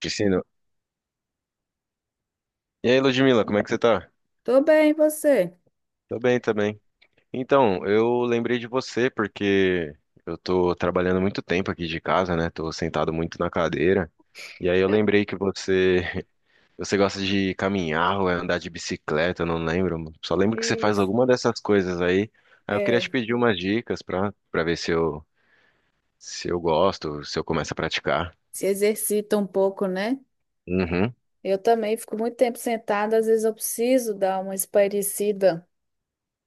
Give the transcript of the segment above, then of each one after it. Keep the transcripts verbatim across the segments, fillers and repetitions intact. Piscino. E aí, Ludmila, como é que você tá? Tô bem, e você? Tô bem, tô bem. Então, eu lembrei de você porque eu tô trabalhando muito tempo aqui de casa, né? Tô sentado muito na cadeira. E aí eu lembrei que você, você gosta de caminhar ou é andar de bicicleta, eu não lembro. Só lembro que você faz Isso, alguma dessas coisas aí. Aí eu queria te é. pedir umas dicas pra, pra ver se eu, se eu gosto, se eu começo a praticar. Se exercita um pouco, né? Uhum, Eu também fico muito tempo sentada, às vezes eu preciso dar uma espairecida.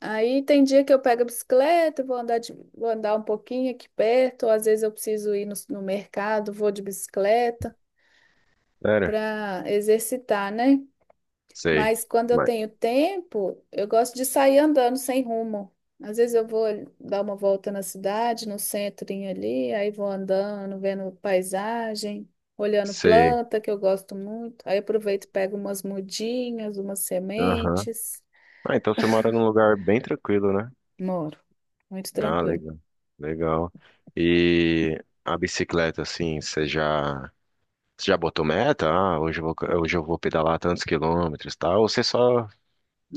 Aí tem dia que eu pego a bicicleta, vou andar, de- vou andar um pouquinho aqui perto, ou às vezes eu preciso ir no, no mercado, vou de bicicleta sério? para exercitar, né? Sei. Mas quando eu Mas, tenho tempo, eu gosto de sair andando sem rumo. Às vezes eu vou dar uma volta na cidade, no centrinho ali, aí vou andando, vendo paisagem, olhando Sei. planta, que eu gosto muito. Aí aproveito e pego umas mudinhas, umas Aham. sementes. Ah, então você mora num lugar bem tranquilo, né? Moro, muito Ah, tranquilo. legal. Legal. E a bicicleta, assim, você já, você já botou meta? Ah, hoje eu vou, hoje eu vou pedalar tantos quilômetros, e tal? Ou você só,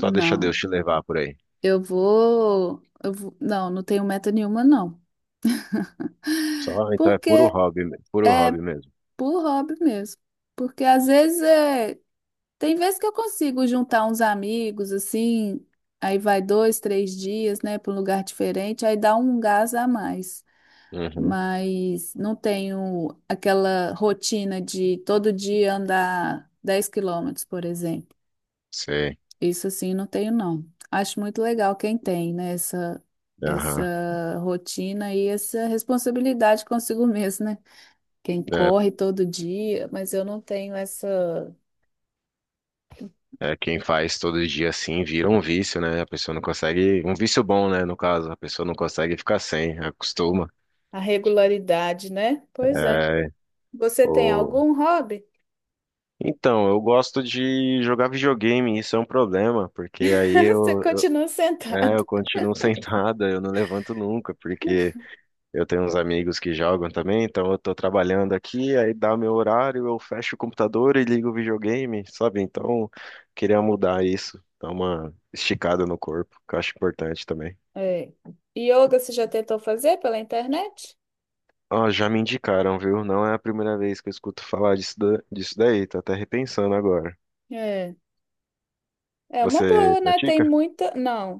só deixa Deus te levar por aí? eu vou, eu vou, não, não tenho meta nenhuma, não. Só, então é puro Porque, hobby, me- puro hobby mesmo. por hobby mesmo. Porque às vezes é Tem vezes que eu consigo juntar uns amigos, assim, aí vai dois, três dias, né, para um lugar diferente, aí dá um gás a mais. Uhum, Mas não tenho aquela rotina de todo dia andar dez quilômetros, por exemplo. sei. Isso assim não tenho, não. Acho muito legal quem tem, né, essa, Aham. essa rotina e essa responsabilidade consigo mesmo, né? Quem É, corre todo dia, mas eu não tenho essa é quem faz todo dia assim vira um vício, né? A pessoa não consegue, um vício bom, né? No caso, a pessoa não consegue ficar sem, acostuma. a regularidade, né? Pois é. É, Você tem algum hobby? então, eu gosto de jogar videogame, isso é um problema, porque aí Você eu, eu- continua é, sentado. eu continuo sentado, eu não levanto nunca, porque eu tenho uns amigos que jogam também, então eu tô trabalhando aqui, aí dá meu horário, eu fecho o computador e ligo o videogame, sabe? Então, queria mudar isso, dar uma esticada no corpo, que eu acho importante também. É. Yoga você já tentou fazer pela internet? Ó, já me indicaram, viu? Não é a primeira vez que eu escuto falar disso, da- disso daí, tô até repensando agora. É. É uma Você boa, né? Tem pratica? muita. Não.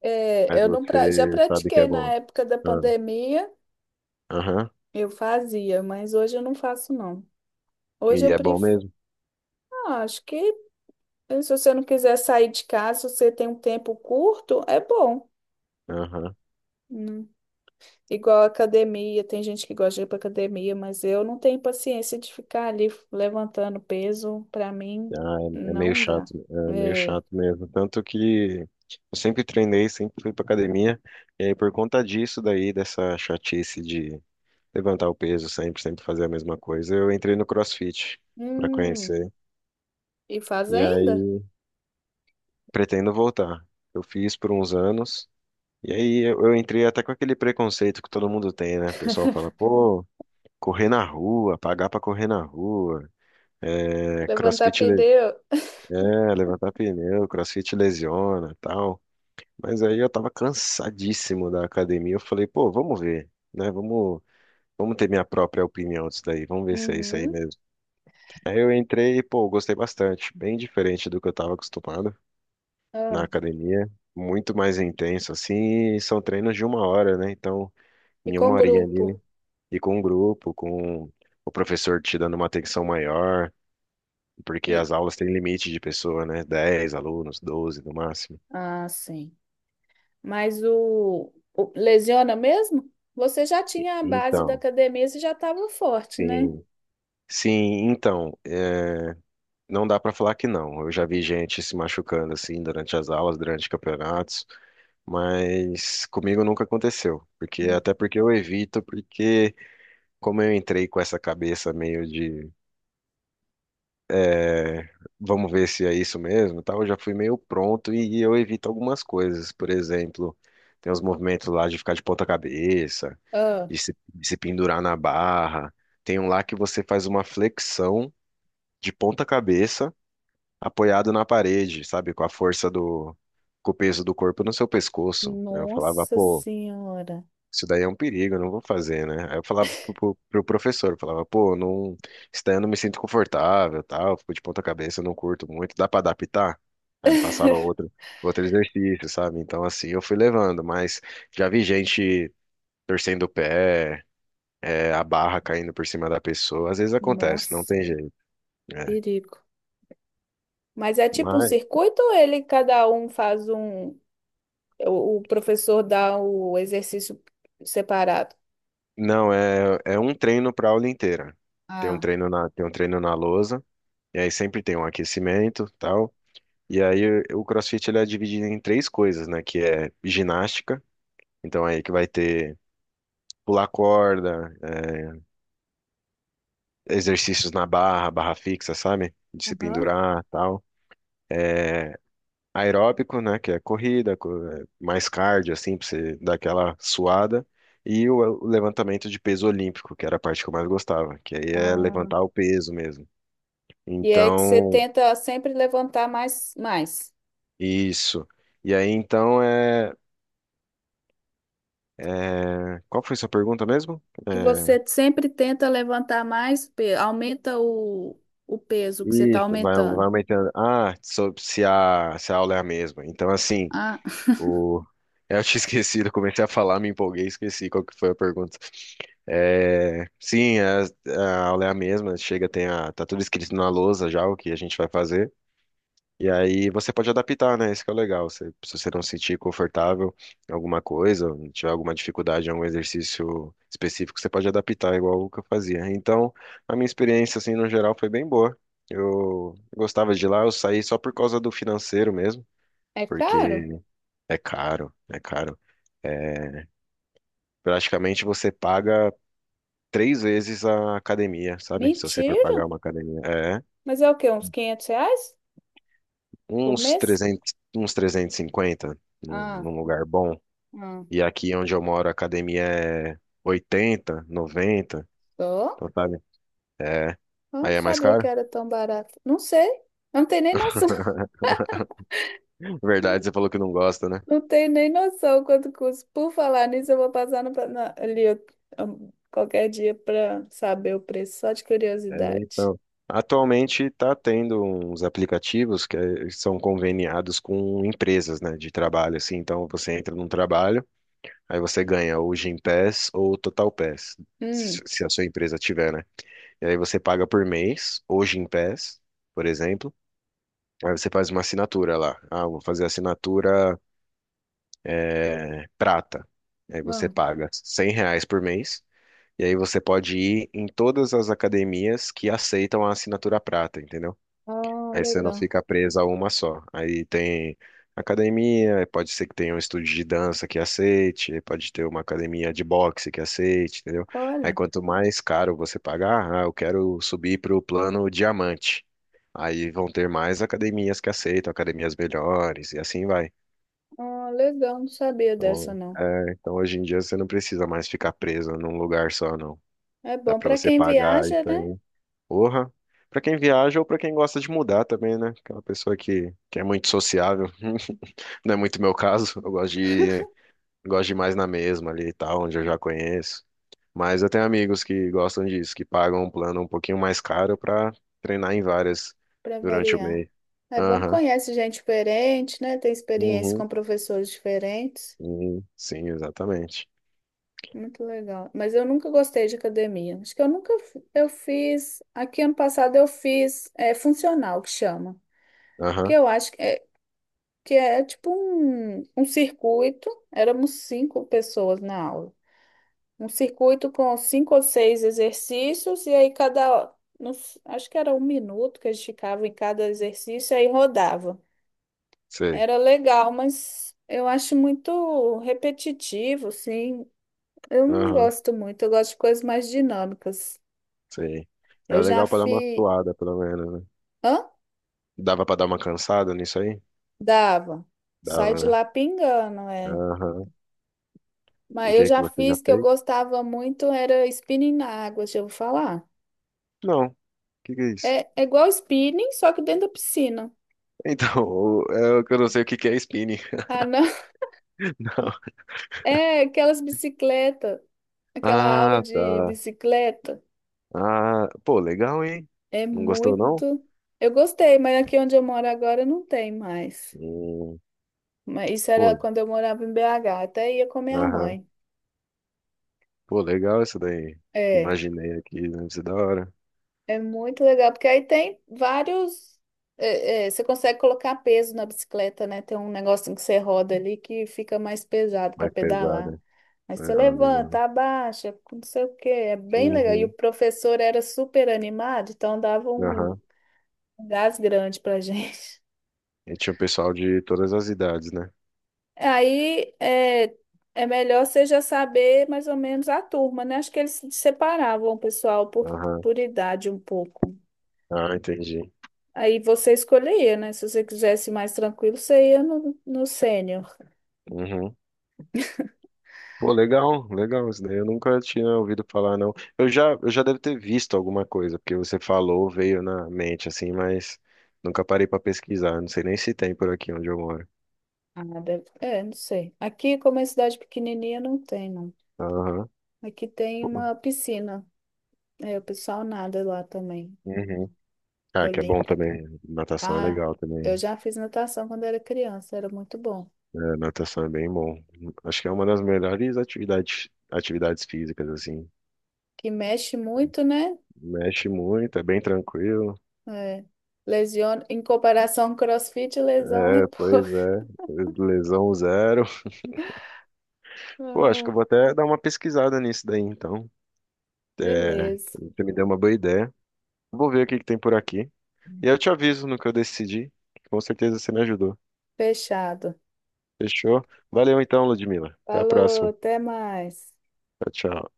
É, Mas eu não pra... já você sabe que é pratiquei na bom. época da Ah. pandemia, Aham. eu fazia, mas hoje eu não faço, não. Hoje E eu é bom prefiro. mesmo. Ah, acho que se você não quiser sair de casa, se você tem um tempo curto, é bom. Aham. Hum. Igual academia, tem gente que gosta de ir para academia, mas eu não tenho paciência de ficar ali levantando peso. Para mim, Ah, é, é meio não dá. chato, é meio É. chato mesmo. Tanto que eu sempre treinei, sempre fui pra academia, e aí por conta disso daí, dessa chatice de levantar o peso sempre, sempre fazer a mesma coisa, eu entrei no CrossFit pra Hum, conhecer. e faz E ainda? aí pretendo voltar. Eu fiz por uns anos, e aí eu, eu entrei até com aquele preconceito que todo mundo tem, né? O pessoal fala, pô, correr na rua, pagar pra correr na rua, é Levantar CrossFit. pneu. É, levantar pneu, CrossFit lesiona e tal. Mas aí eu tava cansadíssimo da academia. Eu falei, pô, vamos ver, né? Vamos, vamos ter minha própria opinião disso daí. Vamos ver se é isso aí Uhum. mesmo. Aí eu entrei e, pô, gostei bastante. Bem diferente do que eu tava acostumado na Ah, academia. Muito mais intenso, assim. E são treinos de uma hora, né? Então, e em uma com horinha grupo. ali, e com um grupo, com o professor te dando uma atenção maior. Porque E... as aulas têm limite de pessoa, né? Dez alunos, doze no máximo. Ah, sim. Mas o... o lesiona mesmo? Você já tinha a base da Então, academia, você já estava forte, né? sim, sim, então, é, não dá para falar que não. Eu já vi gente se machucando assim durante as aulas, durante campeonatos, mas comigo nunca aconteceu, porque Hum. até porque eu evito, porque como eu entrei com essa cabeça meio de é, vamos ver se é isso mesmo, e tal, eu já fui meio pronto e eu evito algumas coisas. Por exemplo, tem os movimentos lá de ficar de ponta cabeça, Ah, de se, de se pendurar na barra. Tem um lá que você faz uma flexão de ponta cabeça apoiado na parede, sabe? Com a força do, com o peso do corpo no seu pescoço. Aí eu falava, nossa pô, senhora. isso daí é um perigo, eu não vou fazer, né? Aí eu falava pro, pro, pro professor, eu falava, pô, não, isso daí eu não me sinto confortável, tal, eu fico de ponta cabeça, eu não curto muito, dá pra adaptar? Aí ele passava outro, outro exercício, sabe? Então assim, eu fui levando, mas já vi gente torcendo o pé, é, a barra caindo por cima da pessoa, às vezes acontece, não Nossa, tem jeito, né? perigo. Mas é tipo um Mas circuito ou ele, cada um faz um. O, o professor dá o exercício separado? Não, é, é um treino para aula inteira. Tem um Ah, treino na, tem um treino na lousa, e aí sempre tem um aquecimento, tal. E aí o o CrossFit ele é dividido em três coisas, né? Que é ginástica, então aí que vai ter pular corda, é, exercícios na barra, barra fixa, sabe? De se aham. pendurar, tal. É, aeróbico, né? Que é corrida, co- é, mais cardio, assim, pra você dar aquela suada. E o o levantamento de peso olímpico, que era a parte que eu mais gostava, que aí é Ah, levantar o peso mesmo. e é que você Então, tenta sempre levantar mais, mais. isso. E aí, então, é, é- qual foi sua pergunta mesmo? Que É, você sempre tenta levantar mais peso, aumenta o, o peso que você está isso, vai, vai aumentando. aumentando. Ah, sobre se a, se a aula é a mesma. Então, assim, Ah, o... eu tinha esquecido, eu comecei a falar, me empolguei, esqueci qual que foi a pergunta. É, sim, a, a aula é a mesma, chega, tem a, tá tudo escrito na lousa já o que a gente vai fazer. E aí você pode adaptar, né? Isso que é o legal. Você- se você não se sentir confortável em alguma coisa, ou tiver alguma dificuldade em algum exercício específico, você pode adaptar, igual o que eu fazia. Então, a minha experiência, assim, no geral, foi bem boa. Eu gostava de ir lá, eu saí só por causa do financeiro mesmo, é caro? porque é caro, é caro. É, praticamente você paga três vezes a academia, sabe? Se você for pagar Mentira! uma academia. É, Mas é o quê? Uns quinhentos reais por uns mês? trezentos uns trezentos e cinquenta num, Ah, num lugar bom. ah. E aqui onde eu moro, a academia é oitenta noventa Só? então sabe? É. Eu não Aí é mais sabia que caro? era tão barato. Não sei. Eu não tenho nem noção. Verdade, você falou que não gosta, né? Não tem nem noção quanto custa. Por falar nisso, eu vou passar no, na- ali um, qualquer dia para saber o preço, só de curiosidade. Então, atualmente está tendo uns aplicativos que eh, são conveniados com empresas, né, de trabalho, assim. Então você entra num trabalho, aí você ganha ou o Gympass ou o Total Pass, se Hum, se a sua empresa tiver, né? E aí você paga por mês, ou Gympass, por exemplo. Aí você faz uma assinatura lá. Ah, eu vou fazer assinatura prata. E aí você ah, paga cem reais por mês. E aí você pode ir em todas as academias que aceitam a assinatura prata, entendeu? ah, Aí você não legal. fica preso a uma só. Aí tem academia, pode ser que tenha um estúdio de dança que aceite, aí pode ter uma academia de boxe que aceite, entendeu? Aí Olha, quanto mais caro você pagar, ah, eu quero subir para o plano diamante. Aí vão ter mais academias que aceitam, academias melhores, e assim vai. ah, legal, não sabia dessa Então, não. é, então hoje em dia você não precisa mais ficar preso num lugar só, não. É Dá bom pra para você quem pagar viaja, isso né? aí. Porra. Pra quem viaja ou pra quem gosta de mudar também, né? Aquela pessoa que, que é muito sociável. Não é muito meu caso. Eu gosto de ir, gosto de ir mais na mesma ali e tal, onde eu já conheço. Mas eu tenho amigos que gostam disso, que pagam um plano um pouquinho mais caro pra treinar em várias Para durante o variar. mês. É bom que Aham. conhece gente diferente, né? Tem experiência Uhum. com professores diferentes. Hum, sim, exatamente. Muito legal. Mas eu nunca gostei de academia. Acho que eu nunca f- eu fiz. Aqui ano passado eu fiz é funcional que chama. Que Aham. eu acho que é, que é tipo um, um circuito, éramos cinco pessoas na aula. Um circuito com cinco ou seis exercícios, e aí cada, nos- acho que era um minuto que a gente ficava em cada exercício, aí rodava. Sei. Era legal, mas eu acho muito repetitivo, assim. Eu não Aham. gosto muito, eu gosto de coisas mais dinâmicas. Sei. Era Eu já legal pra dar uma fiz. suada, pelo menos, né? Hã? Dava pra dar uma cansada nisso aí? Dava. Sai Dava, de né? lá pingando, é. Aham. O Mas eu que que já você já fiz que eu fez? gostava muito, era spinning na água, deixa eu falar. Não. O que que é isso? É, é igual spinning, só que dentro da piscina. Então, o- é o que eu não sei o que que é spinning. Ah, não. Não. É aquelas bicicletas, aquela aula Ah, de tá. bicicleta. Ah, pô, legal, hein? É Não gostou, não? muito. Eu gostei, mas aqui onde eu moro agora não tem mais. Hum, Mas isso era pô, quando eu morava em B H, até ia com minha aham. mãe. Pô, legal isso daí. É. Imaginei aqui, deve ser da hora. É muito legal, porque aí tem vários. é, é, você consegue colocar peso na bicicleta, né? Tem um negocinho que você roda ali que fica mais pesado para Mais pesada. pedalar. Aí É, você ah, legal. levanta, abaixa, não sei o quê. É bem legal. E o Uhum, professor era super animado, então dava um aham. um gás grande pra gente. E tinha o pessoal de todas as idades, né? Aí é, é melhor você já saber mais ou menos a turma, né? Acho que eles separavam o pessoal por, Aham. por idade um pouco. Ah, entendi. Aí você escolheria, né? Se você quisesse mais tranquilo, você ia no, no sênior. Uhum. Pô, legal, legal. Isso daí eu nunca tinha ouvido falar, não. Eu já, eu já devo ter visto alguma coisa, porque você falou, veio na mente, assim, mas nunca parei pra pesquisar. Não sei nem se tem por aqui onde eu moro. Ah, deve- é, não sei. Aqui, como é cidade pequenininha, não tem, não. Aham. Aqui tem Pô, uma piscina. É, o pessoal nada lá também. uhum. Ah, que é bom Olímpico. também. Natação é Ah, legal eu também. já fiz natação quando era criança, era muito bom. É, natação é bem bom. Acho que é uma das melhores atividades, atividades físicas, assim. Que mexe muito, né? Mexe muito, é bem tranquilo. É, lesiona, em comparação com CrossFit, lesão é É, pois pouco. é. Lesão zero. Pô, acho que Ah, eu vou até dar uma pesquisada nisso daí, então. É, beleza, você me deu uma boa ideia. Vou ver o que que tem por aqui. E eu te aviso no que eu decidi. Que Com certeza você me ajudou. fechado. Fechou? Valeu então, Ludmila. Até a Falou, próxima. até mais. Tchau, tchau.